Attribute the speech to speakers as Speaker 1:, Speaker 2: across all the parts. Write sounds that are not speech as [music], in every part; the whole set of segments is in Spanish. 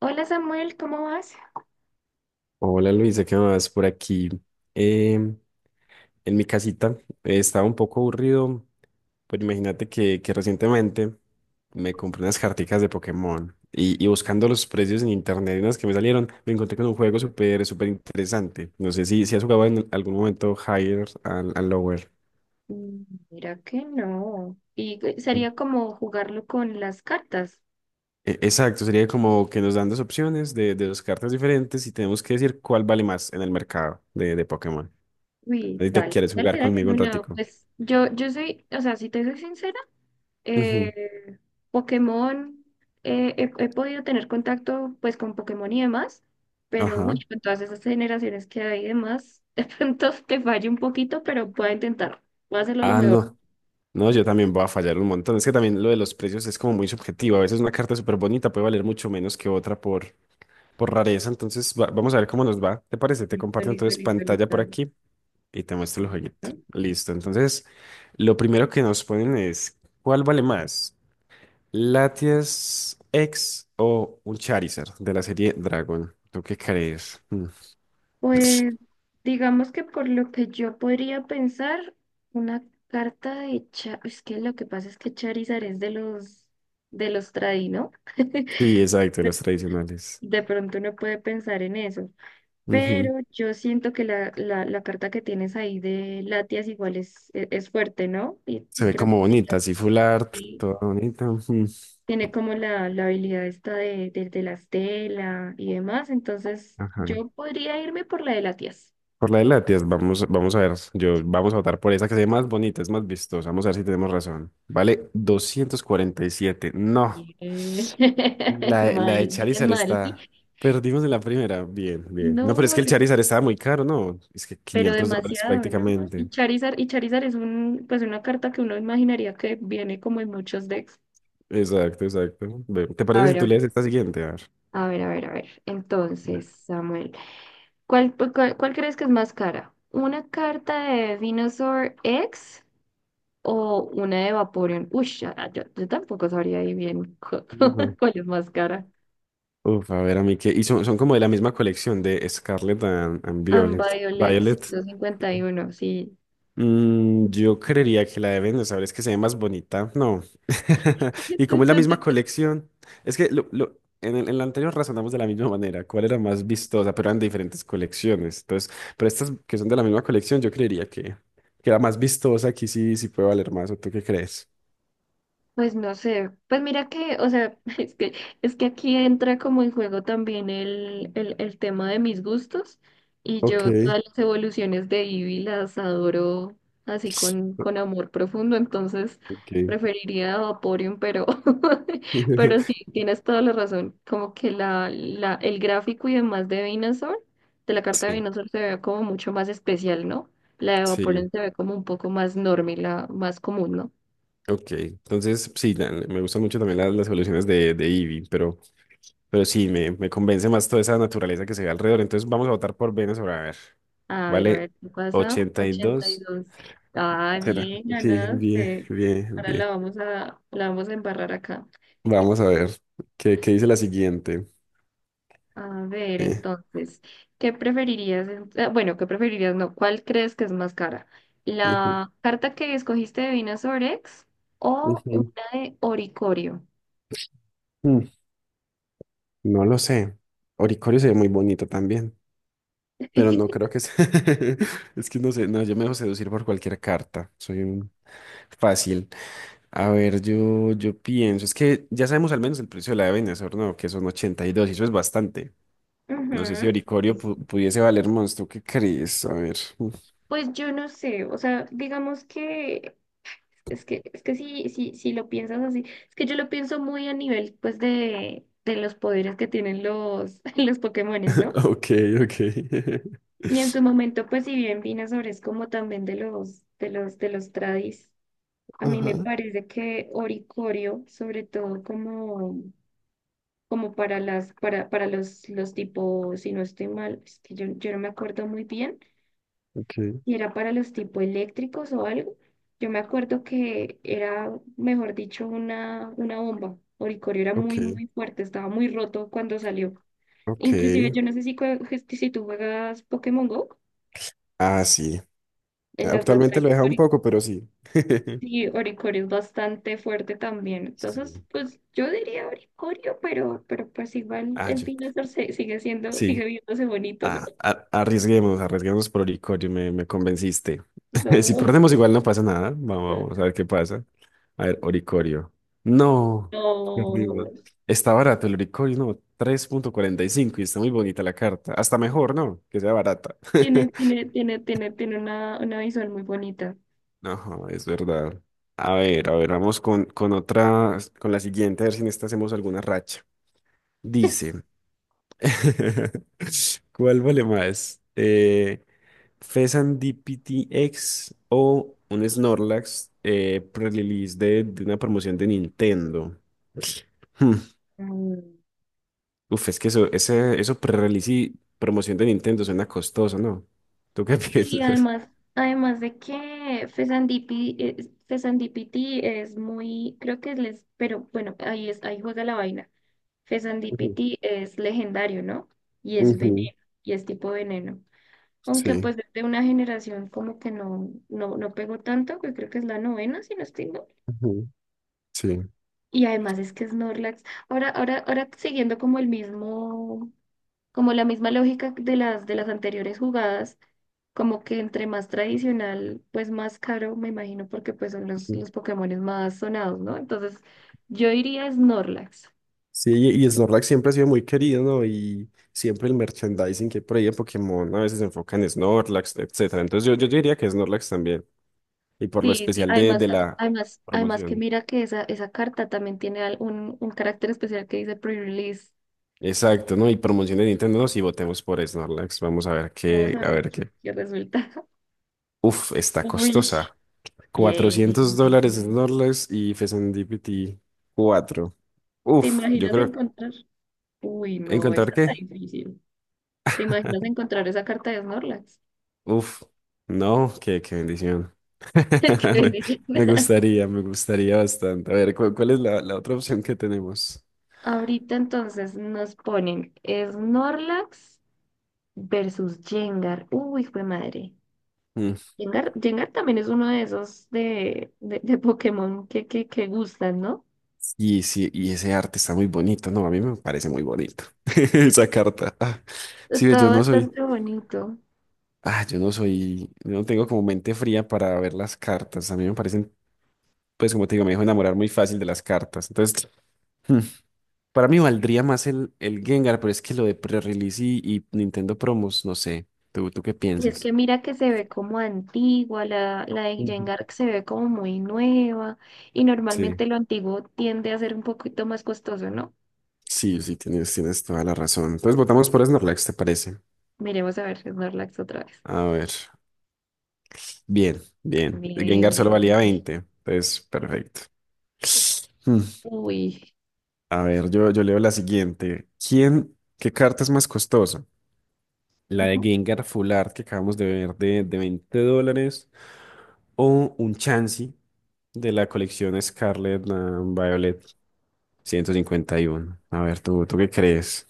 Speaker 1: Hola Samuel, ¿cómo vas?
Speaker 2: Hola Luisa, ¿qué más por aquí? em, en mi casita. Estaba un poco aburrido, pero imagínate que recientemente me compré unas carticas de Pokémon y buscando los precios en internet, y unas que me salieron, me encontré con un juego súper interesante. No sé si has jugado en algún momento Higher and Lower.
Speaker 1: Mm. Mira que no. Y sería como jugarlo con las cartas.
Speaker 2: Exacto, sería como que nos dan dos opciones de dos cartas diferentes y tenemos que decir cuál vale más en el mercado de Pokémon.
Speaker 1: Uy,
Speaker 2: ¿Ahí te
Speaker 1: dale,
Speaker 2: quieres
Speaker 1: dale,
Speaker 2: jugar
Speaker 1: dale.
Speaker 2: conmigo un
Speaker 1: Bueno,
Speaker 2: ratico?
Speaker 1: pues yo soy, o sea, si te soy sincera, eh,
Speaker 2: Ujú.
Speaker 1: Pokémon, he podido tener contacto pues con Pokémon y demás, pero uy,
Speaker 2: Ajá.
Speaker 1: con todas esas generaciones que hay y demás, [laughs] de pronto te fallo un poquito, pero puedo intentar. Voy a hacerlo lo
Speaker 2: Ah,
Speaker 1: mejor.
Speaker 2: no. No, yo también voy a fallar un montón. Es que también lo de los precios es como muy subjetivo. A veces una carta súper bonita puede valer mucho menos que otra por rareza. Entonces, vamos a ver cómo nos va. ¿Te parece? Te
Speaker 1: Listo,
Speaker 2: comparto
Speaker 1: listo,
Speaker 2: entonces
Speaker 1: listo,
Speaker 2: pantalla
Speaker 1: listo.
Speaker 2: por
Speaker 1: Dale.
Speaker 2: aquí y te muestro el
Speaker 1: Listo.
Speaker 2: jueguito. Listo. Entonces, lo primero que nos ponen es, ¿cuál vale más? ¿Latias X o un Charizard de la serie Dragon? ¿Tú qué crees? Mm.
Speaker 1: Pues
Speaker 2: [laughs]
Speaker 1: digamos que por lo que yo podría pensar, una carta es que lo que pasa es que Charizard es de los tradi, ¿no? [laughs]
Speaker 2: Sí, exacto, los tradicionales.
Speaker 1: De pronto uno puede pensar en eso,
Speaker 2: Ujú.
Speaker 1: pero yo siento que la carta que tienes ahí de Latias igual es, fuerte, ¿no? Y
Speaker 2: Se ve
Speaker 1: creo
Speaker 2: como
Speaker 1: que
Speaker 2: bonita, así full art,
Speaker 1: tiene
Speaker 2: toda bonita. Ujú.
Speaker 1: tiene como la habilidad esta de la estela y demás, entonces
Speaker 2: Ajá.
Speaker 1: yo podría irme por la de Latias.
Speaker 2: Por la de latias vamos, vamos a ver. Yo, vamos a votar por esa que se ve más bonita, es más vistosa. Vamos a ver si tenemos razón. Vale, doscientos cuarenta y siete. No.
Speaker 1: Bien. [laughs]
Speaker 2: La de
Speaker 1: Mal, bien
Speaker 2: Charizard
Speaker 1: mal.
Speaker 2: está. Perdimos en la primera. Bien, bien. No, pero
Speaker 1: No,
Speaker 2: es que el
Speaker 1: vale,
Speaker 2: Charizard estaba muy caro, ¿no? Es que
Speaker 1: pero
Speaker 2: 500 dólares
Speaker 1: demasiado, ¿no? Y
Speaker 2: prácticamente.
Speaker 1: Charizard, y Charizard es un, pues una carta que uno imaginaría que viene como en muchos decks.
Speaker 2: Exacto, exacto. Ve, ¿te
Speaker 1: A
Speaker 2: parece si tú
Speaker 1: ver,
Speaker 2: lees esta siguiente? A ver.
Speaker 1: a ver, a ver, a ver. A ver. Entonces, Samuel, ¿cuál crees que es más cara? ¿Una carta de Venusaur X o una de Vaporeon? Uy, yo tampoco sabría ahí bien
Speaker 2: Ujú.
Speaker 1: [laughs] cuál es más cara.
Speaker 2: Uf, a ver, a mí que. Y son, son como de la misma colección de Scarlet and Violet.
Speaker 1: Ambiviolet
Speaker 2: Violet.
Speaker 1: 151, sí.
Speaker 2: Mm, yo creería que la deben de saber, es que se ve más bonita. No. [laughs] Y como es la misma
Speaker 1: [laughs]
Speaker 2: colección, es que en en la anterior razonamos de la misma manera, cuál era más vistosa, pero eran de diferentes colecciones. Entonces, pero estas que son de la misma colección, yo creería que la más vistosa aquí sí, sí puede valer más. ¿O tú qué crees?
Speaker 1: Pues no sé, pues mira que, o sea, [laughs] es que aquí entra como en juego también el tema de mis gustos y
Speaker 2: Ok,
Speaker 1: yo todas las evoluciones de Eevee las adoro así con amor profundo, entonces
Speaker 2: ok.
Speaker 1: preferiría a Vaporeon, pero, [laughs] pero sí,
Speaker 2: [laughs]
Speaker 1: tienes toda la razón, como que el gráfico y demás de Venusaur, de la carta de
Speaker 2: Sí.
Speaker 1: Venusaur se ve como mucho más especial, ¿no? La de Vaporeon
Speaker 2: Sí,
Speaker 1: se ve como un poco más normal, la más común, ¿no?
Speaker 2: ok. Entonces, sí, me gustan mucho también las soluciones de Eevee, pero sí, me convence más toda esa naturaleza que se ve alrededor. Entonces vamos a votar por Venezuela. A ver,
Speaker 1: A ver,
Speaker 2: vale
Speaker 1: ¿qué pasa? ochenta y
Speaker 2: 82.
Speaker 1: dos Ah,
Speaker 2: Será.
Speaker 1: bien,
Speaker 2: Sí, bien,
Speaker 1: ganaste.
Speaker 2: bien,
Speaker 1: Ahora la
Speaker 2: bien.
Speaker 1: vamos a, la vamos a embarrar acá.
Speaker 2: Vamos a ver qué, qué dice la siguiente.
Speaker 1: A ver,
Speaker 2: Eh,
Speaker 1: entonces, ¿qué preferirías? Bueno, ¿qué preferirías? No, ¿cuál crees que es más cara?
Speaker 2: ujú,
Speaker 1: ¿La carta que escogiste de Vinasorex o una
Speaker 2: ujú,
Speaker 1: de Oricorio?
Speaker 2: mm, no lo sé. Oricorio se ve muy bonito también, pero no
Speaker 1: [laughs]
Speaker 2: creo que sea. [laughs] Es que no sé, no, yo me dejo seducir por cualquier carta. Soy un fácil. A ver, yo pienso, es que ya sabemos al menos el precio de la de Venezuela, ¿no? Que son 82 y dos y eso es bastante. No sé si
Speaker 1: Ujú.
Speaker 2: Oricorio pudiese valer monstruo. ¿Qué crees? A ver. [laughs]
Speaker 1: Pues yo no sé, o sea, digamos que Es que sí, sí, sí lo piensas así. Es que yo lo pienso muy a nivel, pues, de los poderes que tienen los, [laughs] los Pokémones, ¿no?
Speaker 2: Ok, ok. [laughs]
Speaker 1: Y en su momento, pues, si bien Venusaur es como también de los, tradis, a mí me
Speaker 2: Ajá,
Speaker 1: parece que Oricorio, sobre todo como para las, para los tipos, si no estoy mal, es que yo no me acuerdo muy bien
Speaker 2: ok,
Speaker 1: y era para los tipo eléctricos o algo. Yo me acuerdo que era, mejor dicho, una bomba. Oricorio era muy,
Speaker 2: ok,
Speaker 1: muy fuerte, estaba muy roto cuando salió.
Speaker 2: ok.
Speaker 1: Inclusive, yo no sé si, si tú juegas Pokémon Go,
Speaker 2: Ah, sí.
Speaker 1: en las
Speaker 2: Actualmente
Speaker 1: batallas,
Speaker 2: lo he dejado un poco, pero sí. [laughs]
Speaker 1: Sí, Oricorio es bastante fuerte también.
Speaker 2: Sí.
Speaker 1: Entonces, pues yo diría Oricorio, pero pues igual
Speaker 2: Ah,
Speaker 1: el
Speaker 2: yo.
Speaker 1: Pinazar sigue siendo, sigue
Speaker 2: Sí.
Speaker 1: viéndose bonito, ¿no?
Speaker 2: Ah, arriesguemos, arriesguemos por Oricorio, me convenciste. [laughs] Si
Speaker 1: No,
Speaker 2: perdemos igual no pasa nada. Vamos, vamos a ver qué pasa. A ver, Oricorio.
Speaker 1: [laughs]
Speaker 2: No, perdimos.
Speaker 1: no.
Speaker 2: Está barato el Oricorio, no, tres punto cuarenta y cinco y está muy bonita la carta. Hasta mejor, ¿no? Que sea barata. [laughs]
Speaker 1: Tiene una visual muy bonita.
Speaker 2: No, es verdad. A ver, vamos con otra, con la siguiente, a ver si en esta hacemos alguna racha. Dice, [laughs] ¿cuál vale más? PTX o un Snorlax pre-release de una promoción de Nintendo. Hmm.
Speaker 1: Mm.
Speaker 2: Uf, es que eso, ese, eso pre-release y promoción de Nintendo suena costoso, ¿no? ¿Tú qué [laughs]
Speaker 1: Sí,
Speaker 2: piensas?
Speaker 1: además de que Fesandipiti es muy, creo que es, les, pero bueno, ahí es, ahí juega la vaina.
Speaker 2: Ujú,
Speaker 1: Fesandipiti es legendario, ¿no? Y es
Speaker 2: ujú,
Speaker 1: veneno, y es tipo veneno. Aunque
Speaker 2: sí,
Speaker 1: pues desde una generación como que no pegó tanto, que creo que es la novena, si no estoy mal.
Speaker 2: ujú, sí.
Speaker 1: Y además es que Snorlax. Ahora siguiendo como el mismo, como la misma lógica de las, anteriores jugadas. Como que entre más tradicional, pues más caro, me imagino, porque pues son los,
Speaker 2: Ujú.
Speaker 1: los Pokémones más sonados, ¿no? Entonces, yo iría Snorlax.
Speaker 2: Sí, y Snorlax siempre ha sido muy querido, ¿no? Y siempre el merchandising que hay por ahí de Pokémon, ¿no?, a veces se enfoca en Snorlax, etcétera. Entonces yo diría que Snorlax también. Y por lo
Speaker 1: Sí, sí.
Speaker 2: especial de
Speaker 1: Además, a-
Speaker 2: la
Speaker 1: además, además que
Speaker 2: promoción.
Speaker 1: mira que esa carta también tiene un carácter especial que dice pre-release.
Speaker 2: Exacto, ¿no? Y promoción de Nintendo, ¿no? Si votemos por Snorlax, vamos a ver
Speaker 1: Vamos
Speaker 2: qué,
Speaker 1: a
Speaker 2: a
Speaker 1: ver
Speaker 2: ver
Speaker 1: qué,
Speaker 2: qué.
Speaker 1: qué resulta. [laughs]
Speaker 2: Uf, está
Speaker 1: Uy,
Speaker 2: costosa.
Speaker 1: bien.
Speaker 2: Cuatrocientos dólares Snorlax y Fezandipity 4.
Speaker 1: ¿Te
Speaker 2: Uf, yo
Speaker 1: imaginas
Speaker 2: creo,
Speaker 1: encontrar? Uy, no,
Speaker 2: ¿encontrar
Speaker 1: esa está
Speaker 2: qué?
Speaker 1: difícil. ¿Te imaginas
Speaker 2: [laughs]
Speaker 1: encontrar esa carta de Snorlax?
Speaker 2: Uf, no, qué, qué bendición.
Speaker 1: [laughs] Qué
Speaker 2: [laughs]
Speaker 1: bien.
Speaker 2: Me gustaría bastante. A ver, ¿cuál, es la otra opción que tenemos?
Speaker 1: Ahorita entonces nos ponen Snorlax versus Jengar. Uy, fue madre.
Speaker 2: Mm.
Speaker 1: Jengar también es uno de esos de Pokémon que gustan, ¿no?
Speaker 2: Y, sí, y ese arte está muy bonito, ¿no? A mí me parece muy bonito. [laughs] Esa carta. Ah, sí, ve,
Speaker 1: Está
Speaker 2: yo no soy.
Speaker 1: bastante bonito.
Speaker 2: Ah, yo no soy, yo no tengo como mente fría para ver las cartas. A mí me parecen, pues como te digo, me dejo enamorar muy fácil de las cartas. Entonces, hmm, para mí valdría más el Gengar, pero es que lo de pre-release y Nintendo Promos, no sé. ¿Tú, tú qué
Speaker 1: Y es
Speaker 2: piensas?
Speaker 1: que mira que se ve como antigua, la de
Speaker 2: Ujú.
Speaker 1: Jengar se ve como muy nueva y
Speaker 2: Sí,
Speaker 1: normalmente lo antiguo tiende a ser un poquito más costoso, ¿no?
Speaker 2: sí, sí, tienes, tienes toda la razón. Entonces votamos por Snorlax, ¿te parece?
Speaker 1: Miremos a ver Snorlax otra vez.
Speaker 2: A ver, bien, bien. El
Speaker 1: Bien,
Speaker 2: Gengar solo
Speaker 1: bien,
Speaker 2: valía
Speaker 1: bien.
Speaker 2: 20, entonces perfecto. Hmm.
Speaker 1: Uy.
Speaker 2: A ver, yo leo la siguiente. ¿Quién, qué carta es más costosa? La de Gengar Full Art que acabamos de ver de 20 dólares. O un Chansey de la colección Scarlet ah, Violet ciento cincuenta y uno. A ver, ¿tú, tú qué crees?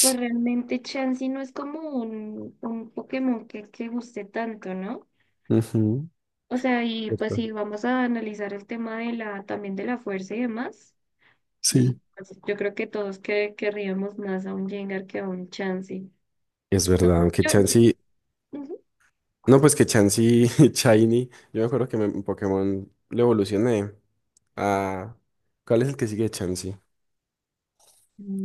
Speaker 1: Pues realmente Chansey no es como un Pokémon que guste tanto, ¿no?
Speaker 2: Ujú,
Speaker 1: O sea, y pues
Speaker 2: ¿verdad?
Speaker 1: si vamos a analizar el tema también de la fuerza y demás,
Speaker 2: Sí.
Speaker 1: pues, yo creo que todos querríamos más a un Jengar que a un Chansey.
Speaker 2: Es verdad, aunque
Speaker 1: Yo, yo-
Speaker 2: Chansey...
Speaker 1: Ujú.
Speaker 2: No, pues que Chansey [laughs] Shiny. Yo me acuerdo que en Pokémon lo evolucioné a... ¿Cuál es el que sigue de Chansey?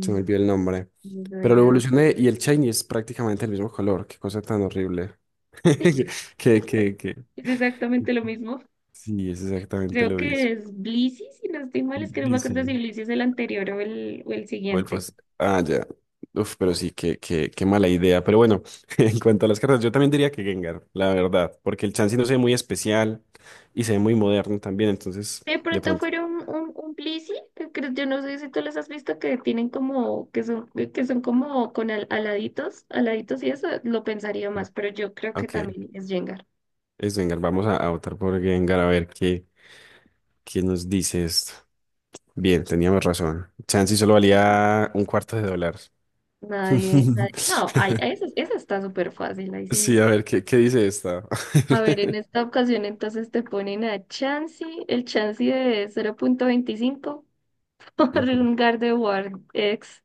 Speaker 2: Se me olvidó el nombre.
Speaker 1: eso
Speaker 2: Pero lo
Speaker 1: era
Speaker 2: evolucioné y el shiny es prácticamente el mismo color. Qué cosa tan horrible. [laughs] Que,
Speaker 1: es exactamente lo mismo.
Speaker 2: sí, es exactamente
Speaker 1: Creo
Speaker 2: lo mismo.
Speaker 1: que es Blissey, si no estoy mal, es que no me
Speaker 2: Sí,
Speaker 1: acuerdo si
Speaker 2: sí.
Speaker 1: Blissey es el anterior o el o el siguiente.
Speaker 2: Ah, ya. Uf, pero sí, qué, qué, qué mala idea. Pero bueno, [laughs] en cuanto a las cartas, yo también diría que Gengar, la verdad. Porque el Chansey no se ve muy especial y se ve muy moderno también. Entonces,
Speaker 1: De
Speaker 2: de
Speaker 1: pronto
Speaker 2: pronto.
Speaker 1: fueron un plisi, yo no sé si tú los has visto, que tienen como, que son como con aladitos, aladitos y eso, lo pensaría
Speaker 2: Sí.
Speaker 1: más, pero yo creo que
Speaker 2: Ok,
Speaker 1: también es Jengar.
Speaker 2: es Gengar. Vamos a votar por Gengar a ver qué, qué nos dice esto. Bien, teníamos razón. Chansey solo valía un cuarto de dólar.
Speaker 1: No, ay,
Speaker 2: [laughs]
Speaker 1: ay, esa está súper fácil, ahí
Speaker 2: Sí,
Speaker 1: sí.
Speaker 2: a ver, ¿qué, qué dice esta?
Speaker 1: A ver, en
Speaker 2: [laughs]
Speaker 1: esta ocasión entonces te ponen a Chansey, el Chansey de 0.25 [laughs] por
Speaker 2: Ujú.
Speaker 1: un Gardevoir X.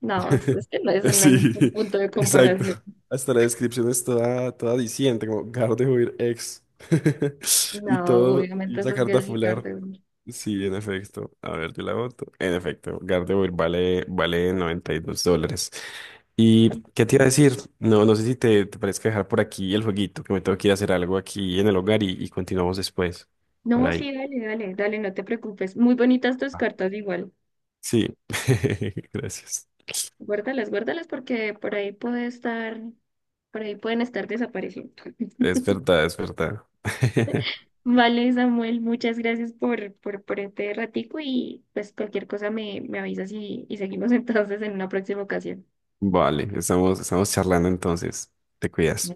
Speaker 1: No, es
Speaker 2: [laughs]
Speaker 1: que no, eso no hay
Speaker 2: Sí,
Speaker 1: ningún punto de
Speaker 2: [laughs] exacto.
Speaker 1: comparación.
Speaker 2: Hasta la descripción es toda, toda diciente, como Gardevoir ex. [laughs] Y
Speaker 1: No,
Speaker 2: todo, y
Speaker 1: obviamente
Speaker 2: esa
Speaker 1: eso es
Speaker 2: carta
Speaker 1: el
Speaker 2: fular.
Speaker 1: Gardevoir.
Speaker 2: Sí, en efecto. A ver, yo la voto. En efecto, Gardevoir vale, vale 92 dólares. ¿Y qué te iba a decir? No, no sé si te, te parezca dejar por aquí el jueguito, que me tengo que ir a hacer algo aquí en el hogar y continuamos después. Por
Speaker 1: No,
Speaker 2: ahí.
Speaker 1: sí, dale, dale, dale, no te preocupes. Muy bonitas tus
Speaker 2: Ah,
Speaker 1: cartas igual.
Speaker 2: sí, [laughs] gracias.
Speaker 1: Guárdalas, guárdalas porque por ahí puede estar, por ahí pueden estar desapareciendo. [laughs]
Speaker 2: Es verdad, es verdad. [laughs]
Speaker 1: Vale, Samuel, muchas gracias por este ratico y pues cualquier cosa me avisas y seguimos [laughs] entonces en una próxima ocasión.
Speaker 2: Vale, estamos, estamos charlando entonces. Te cuidas.